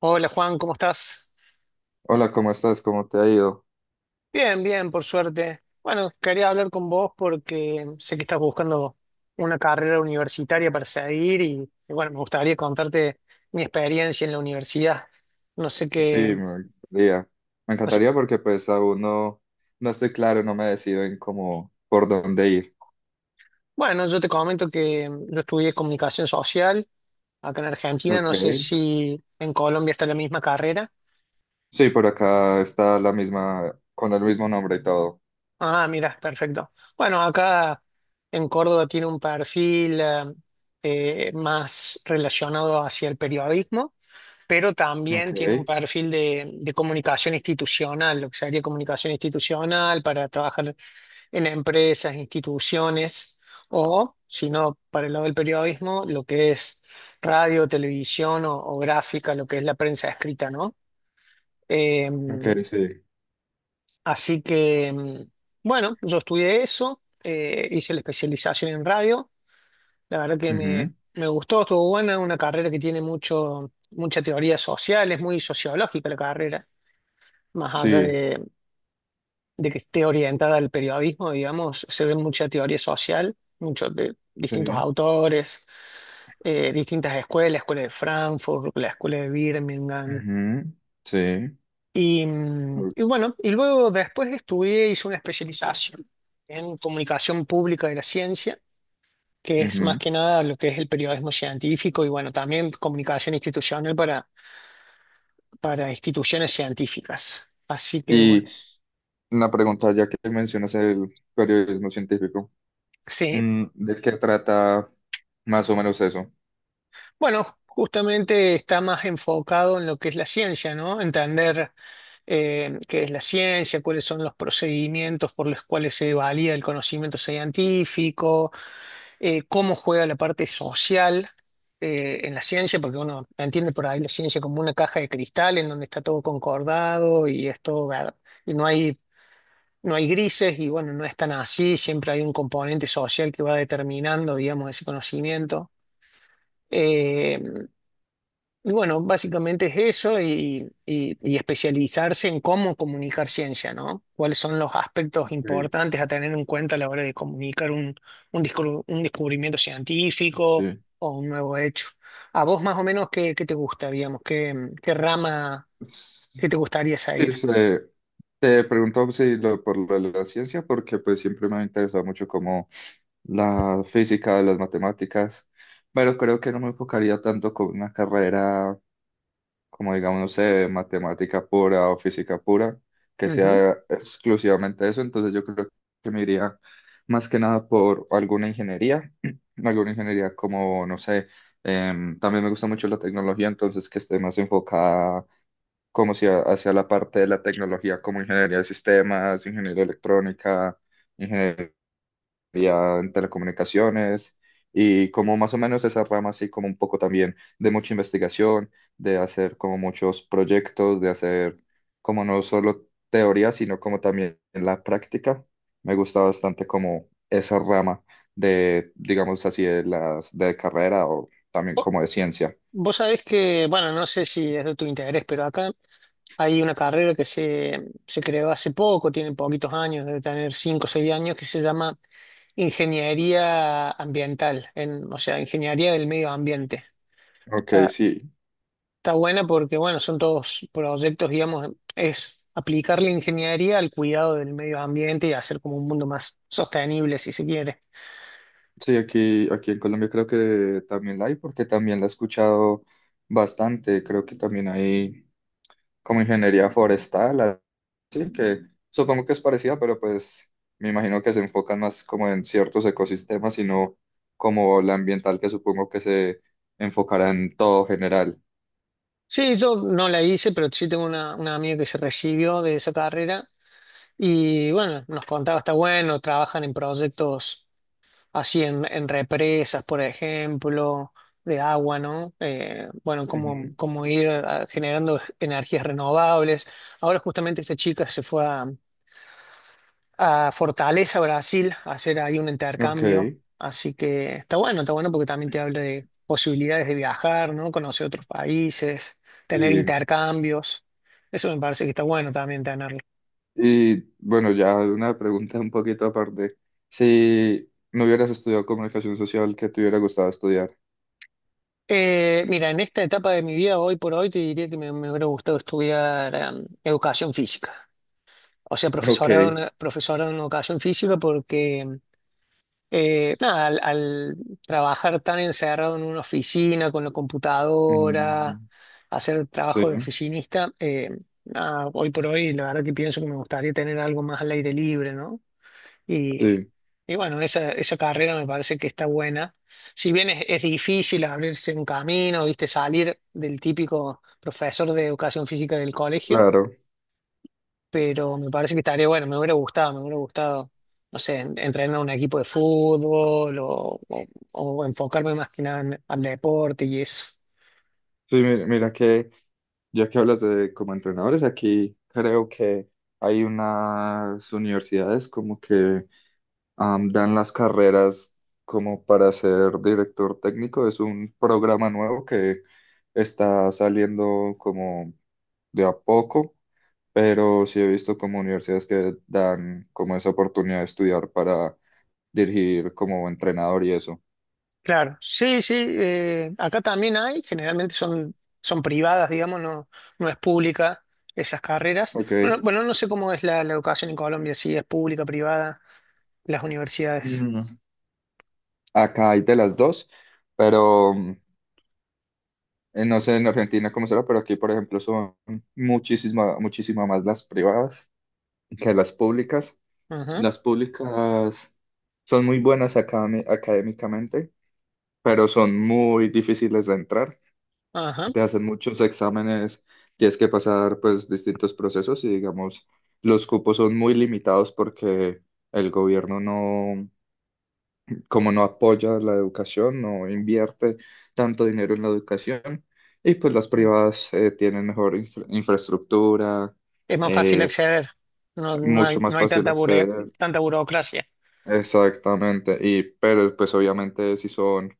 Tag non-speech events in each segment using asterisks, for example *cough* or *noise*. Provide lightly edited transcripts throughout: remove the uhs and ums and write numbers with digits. Hola Juan, ¿cómo estás? Hola, ¿cómo estás? ¿Cómo te ha ido? Bien, bien, por suerte. Bueno, quería hablar con vos porque sé que estás buscando una carrera universitaria para seguir y bueno, me gustaría contarte mi experiencia en la universidad. No sé Sí, qué, me encantaría. Me no sé- encantaría porque pues aún no, no estoy claro, no me decido en cómo, por dónde ir. Bueno, yo te comento que yo estudié comunicación social acá en Argentina, Ok. no sé si en Colombia está la misma carrera. Sí, por acá está la misma, con el mismo nombre y todo. Ah, mira, perfecto. Bueno, acá en Córdoba tiene un perfil más relacionado hacia el periodismo, pero Ok, también tiene un perfil de comunicación institucional, lo que sería comunicación institucional para trabajar en empresas, instituciones, o si no, para el lado del periodismo, lo que es radio, televisión o gráfica, lo que es la prensa escrita, ¿no? Eh, ok, sí. Así que, bueno, yo estudié eso, hice la especialización en radio. La verdad que Ujú. Me gustó, estuvo buena, una carrera que tiene mucha teoría social, es muy sociológica la carrera, más allá Sí, de que esté orientada al periodismo, digamos, se ve mucha teoría social, muchos de distintos sí. autores, distintas escuelas, la escuela de Frankfurt, la escuela de Birmingham. Ujú. Sí. Y bueno, y luego después estudié, hice una especialización en comunicación pública de la ciencia, que es más Ujú. que nada lo que es el periodismo científico y bueno, también comunicación institucional para instituciones científicas. Así que bueno, Y una pregunta, ya que mencionas el periodismo científico, sí. ¿De qué trata más o menos eso? Bueno, justamente está más enfocado en lo que es la ciencia, ¿no? Entender qué es la ciencia, cuáles son los procedimientos por los cuales se valida el conocimiento científico, cómo juega la parte social, en la ciencia, porque uno entiende por ahí la ciencia como una caja de cristal en donde está todo concordado y es todo y no hay, no hay grises, y bueno, no es tan así, siempre hay un componente social que va determinando, digamos, ese conocimiento. Eh, y bueno, básicamente es eso y especializarse en cómo comunicar ciencia, ¿no? ¿Cuáles son los aspectos Ok. importantes a tener en cuenta a la hora de comunicar un descubrimiento científico o un nuevo hecho? ¿A vos más o menos qué, qué te gusta, digamos? ¿Qué, qué rama, Sí. qué te gustaría Y seguir? se, Te pregunto si lo, por lo de la ciencia, porque pues siempre me ha interesado mucho como la física, las matemáticas, pero creo que no me enfocaría tanto con una carrera como digamos, no sé, matemática pura o física pura, que Ujú. sea exclusivamente eso, entonces yo creo que me iría más que nada por alguna ingeniería, *clears throat* alguna ingeniería como, no sé, también me gusta mucho la tecnología, entonces que esté más enfocada como si a- hacia la parte de la tecnología, como ingeniería de sistemas, ingeniería electrónica, ingeniería en telecomunicaciones, y como más o menos esa rama así como un poco también de mucha investigación, de hacer como muchos proyectos, de hacer como no solo teoría, sino como también la práctica. Me gusta bastante como esa rama de, digamos así, de las de carrera o también como de ciencia. Vos sabés que, bueno, no sé si es de tu interés, pero acá hay una carrera se creó hace poco, tiene poquitos años, debe tener 5 o 6 años, que se llama Ingeniería Ambiental, en, o sea, Ingeniería del Medio Ambiente. Ok, Está, sí. Está buena porque, bueno, son todos proyectos, digamos, es aplicar la ingeniería al cuidado del medio ambiente y hacer como un mundo más sostenible, si se quiere. Sí, aquí en Colombia creo que también la hay, porque también la he escuchado bastante. Creo que también hay como ingeniería forestal, así que supongo que es parecida, pero pues me imagino que se enfocan más como en ciertos ecosistemas, sino como la ambiental, que supongo que se enfocará en todo general. Sí, yo no la hice, pero sí tengo una amiga que se recibió de esa carrera. Y bueno, nos contaba, está bueno, trabajan en proyectos así en represas, por ejemplo, de agua, ¿no? Bueno, cómo, Ujú. cómo ir generando energías renovables. Ahora justamente esta chica se fue a Fortaleza, Brasil, a hacer ahí un Ok, intercambio. Así que está bueno porque también te habla de posibilidades de viajar, ¿no? Conocer otros países, tener sí. intercambios. Eso me parece que está bueno también tenerlo. Y bueno, ya una pregunta un poquito aparte. Si no hubieras estudiado comunicación social, ¿qué te hubiera gustado estudiar? Mira, en esta etapa de mi vida, hoy por hoy, te diría que me hubiera gustado estudiar educación física. O sea, Ok. profesorado en, profesorado en educación física porque, nada, al trabajar tan encerrado en una oficina, con la computadora, Mm, hacer sí, trabajo de oficinista, nada, hoy por hoy, la verdad que pienso que me gustaría tener algo más al aire libre, ¿no? Y, sí, y bueno, esa carrera me parece que está buena. Si bien es difícil abrirse un camino, viste, salir del típico profesor de educación física del colegio, claro. pero me parece que estaría bueno, me hubiera gustado, no sé, entrenar a un equipo de fútbol o enfocarme más que nada al deporte y eso. Sí, mira, que ya que hablas de como entrenadores, aquí creo que hay unas universidades como que dan las carreras como para ser director técnico. Es un programa nuevo que está saliendo como de a poco, pero sí he visto como universidades que dan como esa oportunidad de estudiar para dirigir como entrenador y eso. Claro, sí, sí, acá también hay, generalmente son, son privadas, digamos, no, no es pública esas carreras. Ok. Bueno, bueno, no sé cómo es la educación en Colombia, si es pública, privada, las universidades. Mm. Acá hay de las dos, pero no sé en Argentina cómo será, pero aquí, por ejemplo, son muchísima más las privadas que las públicas. Ujú, Las públicas son muy buenas académicamente, pero son muy difíciles de entrar. ajá. Te hacen muchos exámenes, tienes que pasar pues distintos procesos y digamos, los cupos son muy limitados porque el gobierno no como no apoya la educación, no invierte tanto dinero en la educación, y pues las privadas tienen mejor infraestructura, Es más fácil eh, acceder, no, no hay, mucho más no hay fácil tanta, acceder, tanta burocracia. exactamente, y pero pues obviamente sí son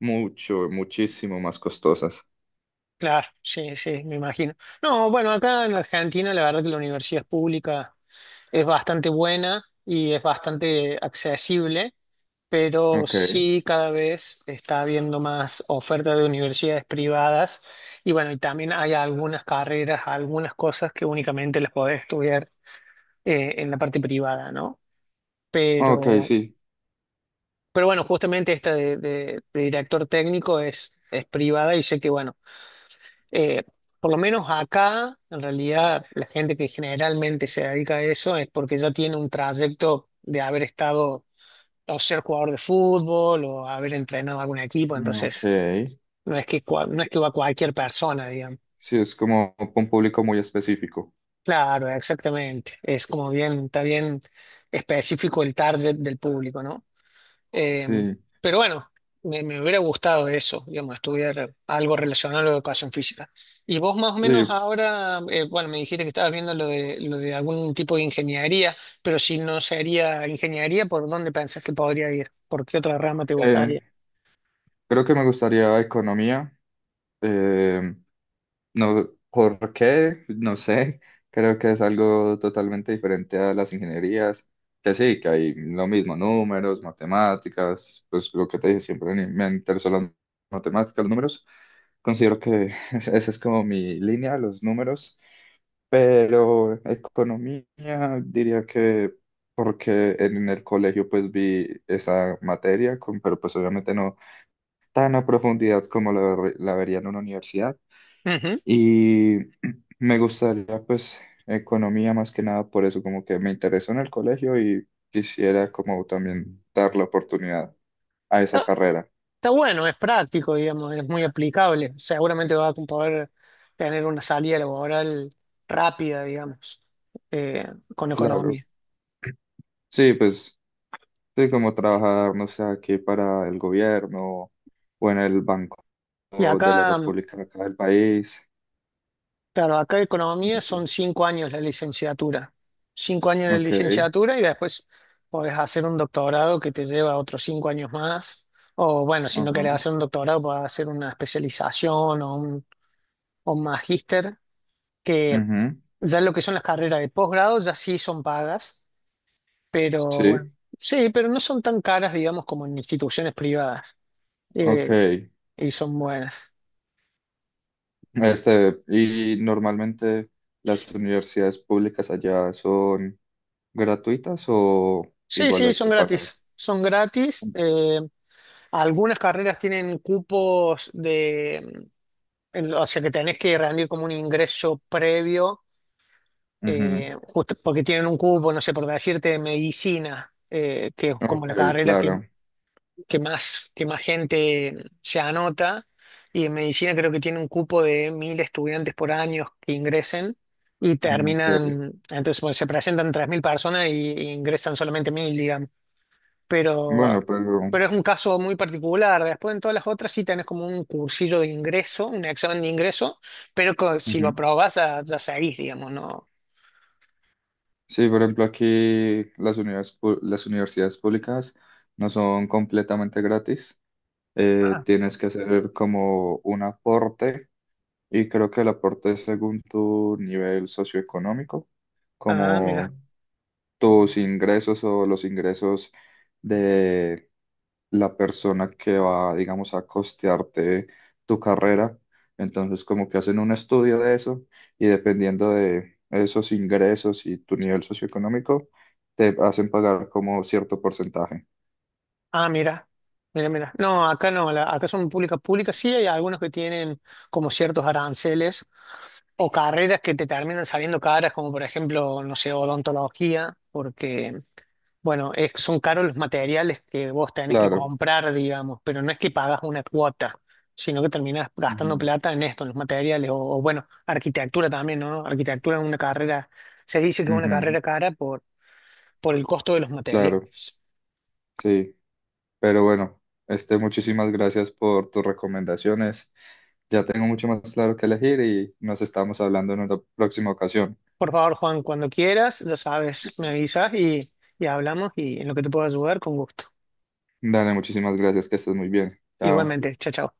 muchísimo más costosas. Claro, sí, sí, me imagino. No, bueno, acá en Argentina la verdad que la universidad pública es bastante buena y es bastante accesible, pero Ok, sí cada vez está habiendo más oferta de universidades privadas y bueno, y también hay algunas carreras, algunas cosas que únicamente las podés estudiar en la parte privada, ¿no? ok, Pero, sí, pero bueno, justamente esta de director técnico es privada y sé que bueno, eh, por lo menos acá, en realidad, la gente que generalmente se dedica a eso es porque ya tiene un trayecto de haber estado o ser jugador de fútbol o haber entrenado algún equipo, ok, entonces no es que, no es que va cualquier persona, digamos. sí, es como un público muy específico, Claro, exactamente. Es como bien, está bien específico el target del público, ¿no? Eh, sí, pero bueno, me hubiera gustado eso, digamos, estudiar algo relacionado a la educación física. Y vos más o menos sí. ahora, bueno, me dijiste que estabas viendo lo de algún tipo de ingeniería, pero si no sería ingeniería, ¿por dónde pensás que podría ir? ¿Por qué otra rama te eh, gustaría? Creo que me gustaría economía. eh, No, ¿por qué? No sé. *laughs* Creo que es algo totalmente diferente a las ingenierías, que sí, que hay lo mismo, números, matemáticas, pues lo que te dije siempre, me interesan las matemáticas, los números. Considero que *laughs* esa es como mi línea, los números, pero economía diría que porque en el colegio pues vi esa materia, pero pues obviamente no tan a profundidad como la vería en una universidad. Ujú. Y *clears throat* me gustaría pues economía más que nada por eso, como que me interesó en el colegio y quisiera como también dar la oportunidad a esa carrera. Está bueno, es práctico, digamos, es muy aplicable. Seguramente vas a poder tener una salida laboral rápida, digamos, eh, con Claro. economía. Sí, pues sí, como trabajar, no sé, aquí para el gobierno o en el Banco Y de la acá, República acá del país. claro, acá Y economía así. son 5 años la licenciatura. 5 años de Ok. licenciatura y después podés hacer un doctorado que te lleva otros 5 años más. O bueno, si no Ajá. querés hacer un doctorado, podés hacer una especialización o un magíster, que Ujú. ya lo que son las carreras de posgrado ya sí son pagas. Pero bueno, Sí, sí, pero no son tan caras, digamos, como en instituciones privadas. ok. eh, y son buenas. Este, y normalmente las universidades públicas allá son gratuitas o Sí, igual sí, hay son que pagar. gratis. Son gratis. Algunas carreras tienen cupos de... O sea, que tenés que rendir como un ingreso previo, Ujú. Justo porque tienen un cupo, no sé, por decirte, de medicina, que es como Ok, la carrera que claro. que más, que más gente se anota. Y en medicina creo que tiene un cupo de 1.000 estudiantes por año que ingresen y Ok. terminan, entonces bueno, se presentan 3.000 personas y ingresan solamente 1.000, digamos. Bueno, Pero, pero pero es un caso muy particular. Después en todas las otras sí tenés como un cursillo de ingreso, un examen de ingreso, pero si lo ujú. aprobás ya, ya seguís, digamos, ¿no? Sí, por ejemplo, aquí las las universidades públicas no son completamente gratis. Ah. Tienes que hacer como un aporte y creo que el aporte es según tu nivel socioeconómico, Ah, mira. como tus ingresos o los ingresos de la persona que va, digamos, a costearte tu carrera. Entonces, como que hacen un estudio de eso y dependiendo de esos ingresos y tu nivel socioeconómico, te hacen pagar como cierto porcentaje. Ah, mira, mira, mira. No, acá no, acá son públicas públicas. Sí hay algunos que tienen como ciertos aranceles o carreras que te terminan saliendo caras, como por ejemplo, no sé, odontología, porque, bueno, son caros los materiales que vos tenés que Claro. comprar, digamos, pero no es que pagas una cuota, sino que terminás gastando Ujú, plata en esto, en los materiales, o, bueno, arquitectura también, ¿no? Arquitectura es una carrera, se dice que es una ujú. carrera cara por el costo de los Claro, materiales. sí. Pero bueno, este, muchísimas gracias por tus recomendaciones. Ya tengo mucho más claro que elegir y nos estamos hablando en una próxima ocasión. Por favor, Juan, cuando quieras, ya sabes, me avisas y hablamos y en lo que te pueda ayudar, con gusto. Dale, muchísimas gracias, que estés muy bien. Chao. Igualmente, chao, chao.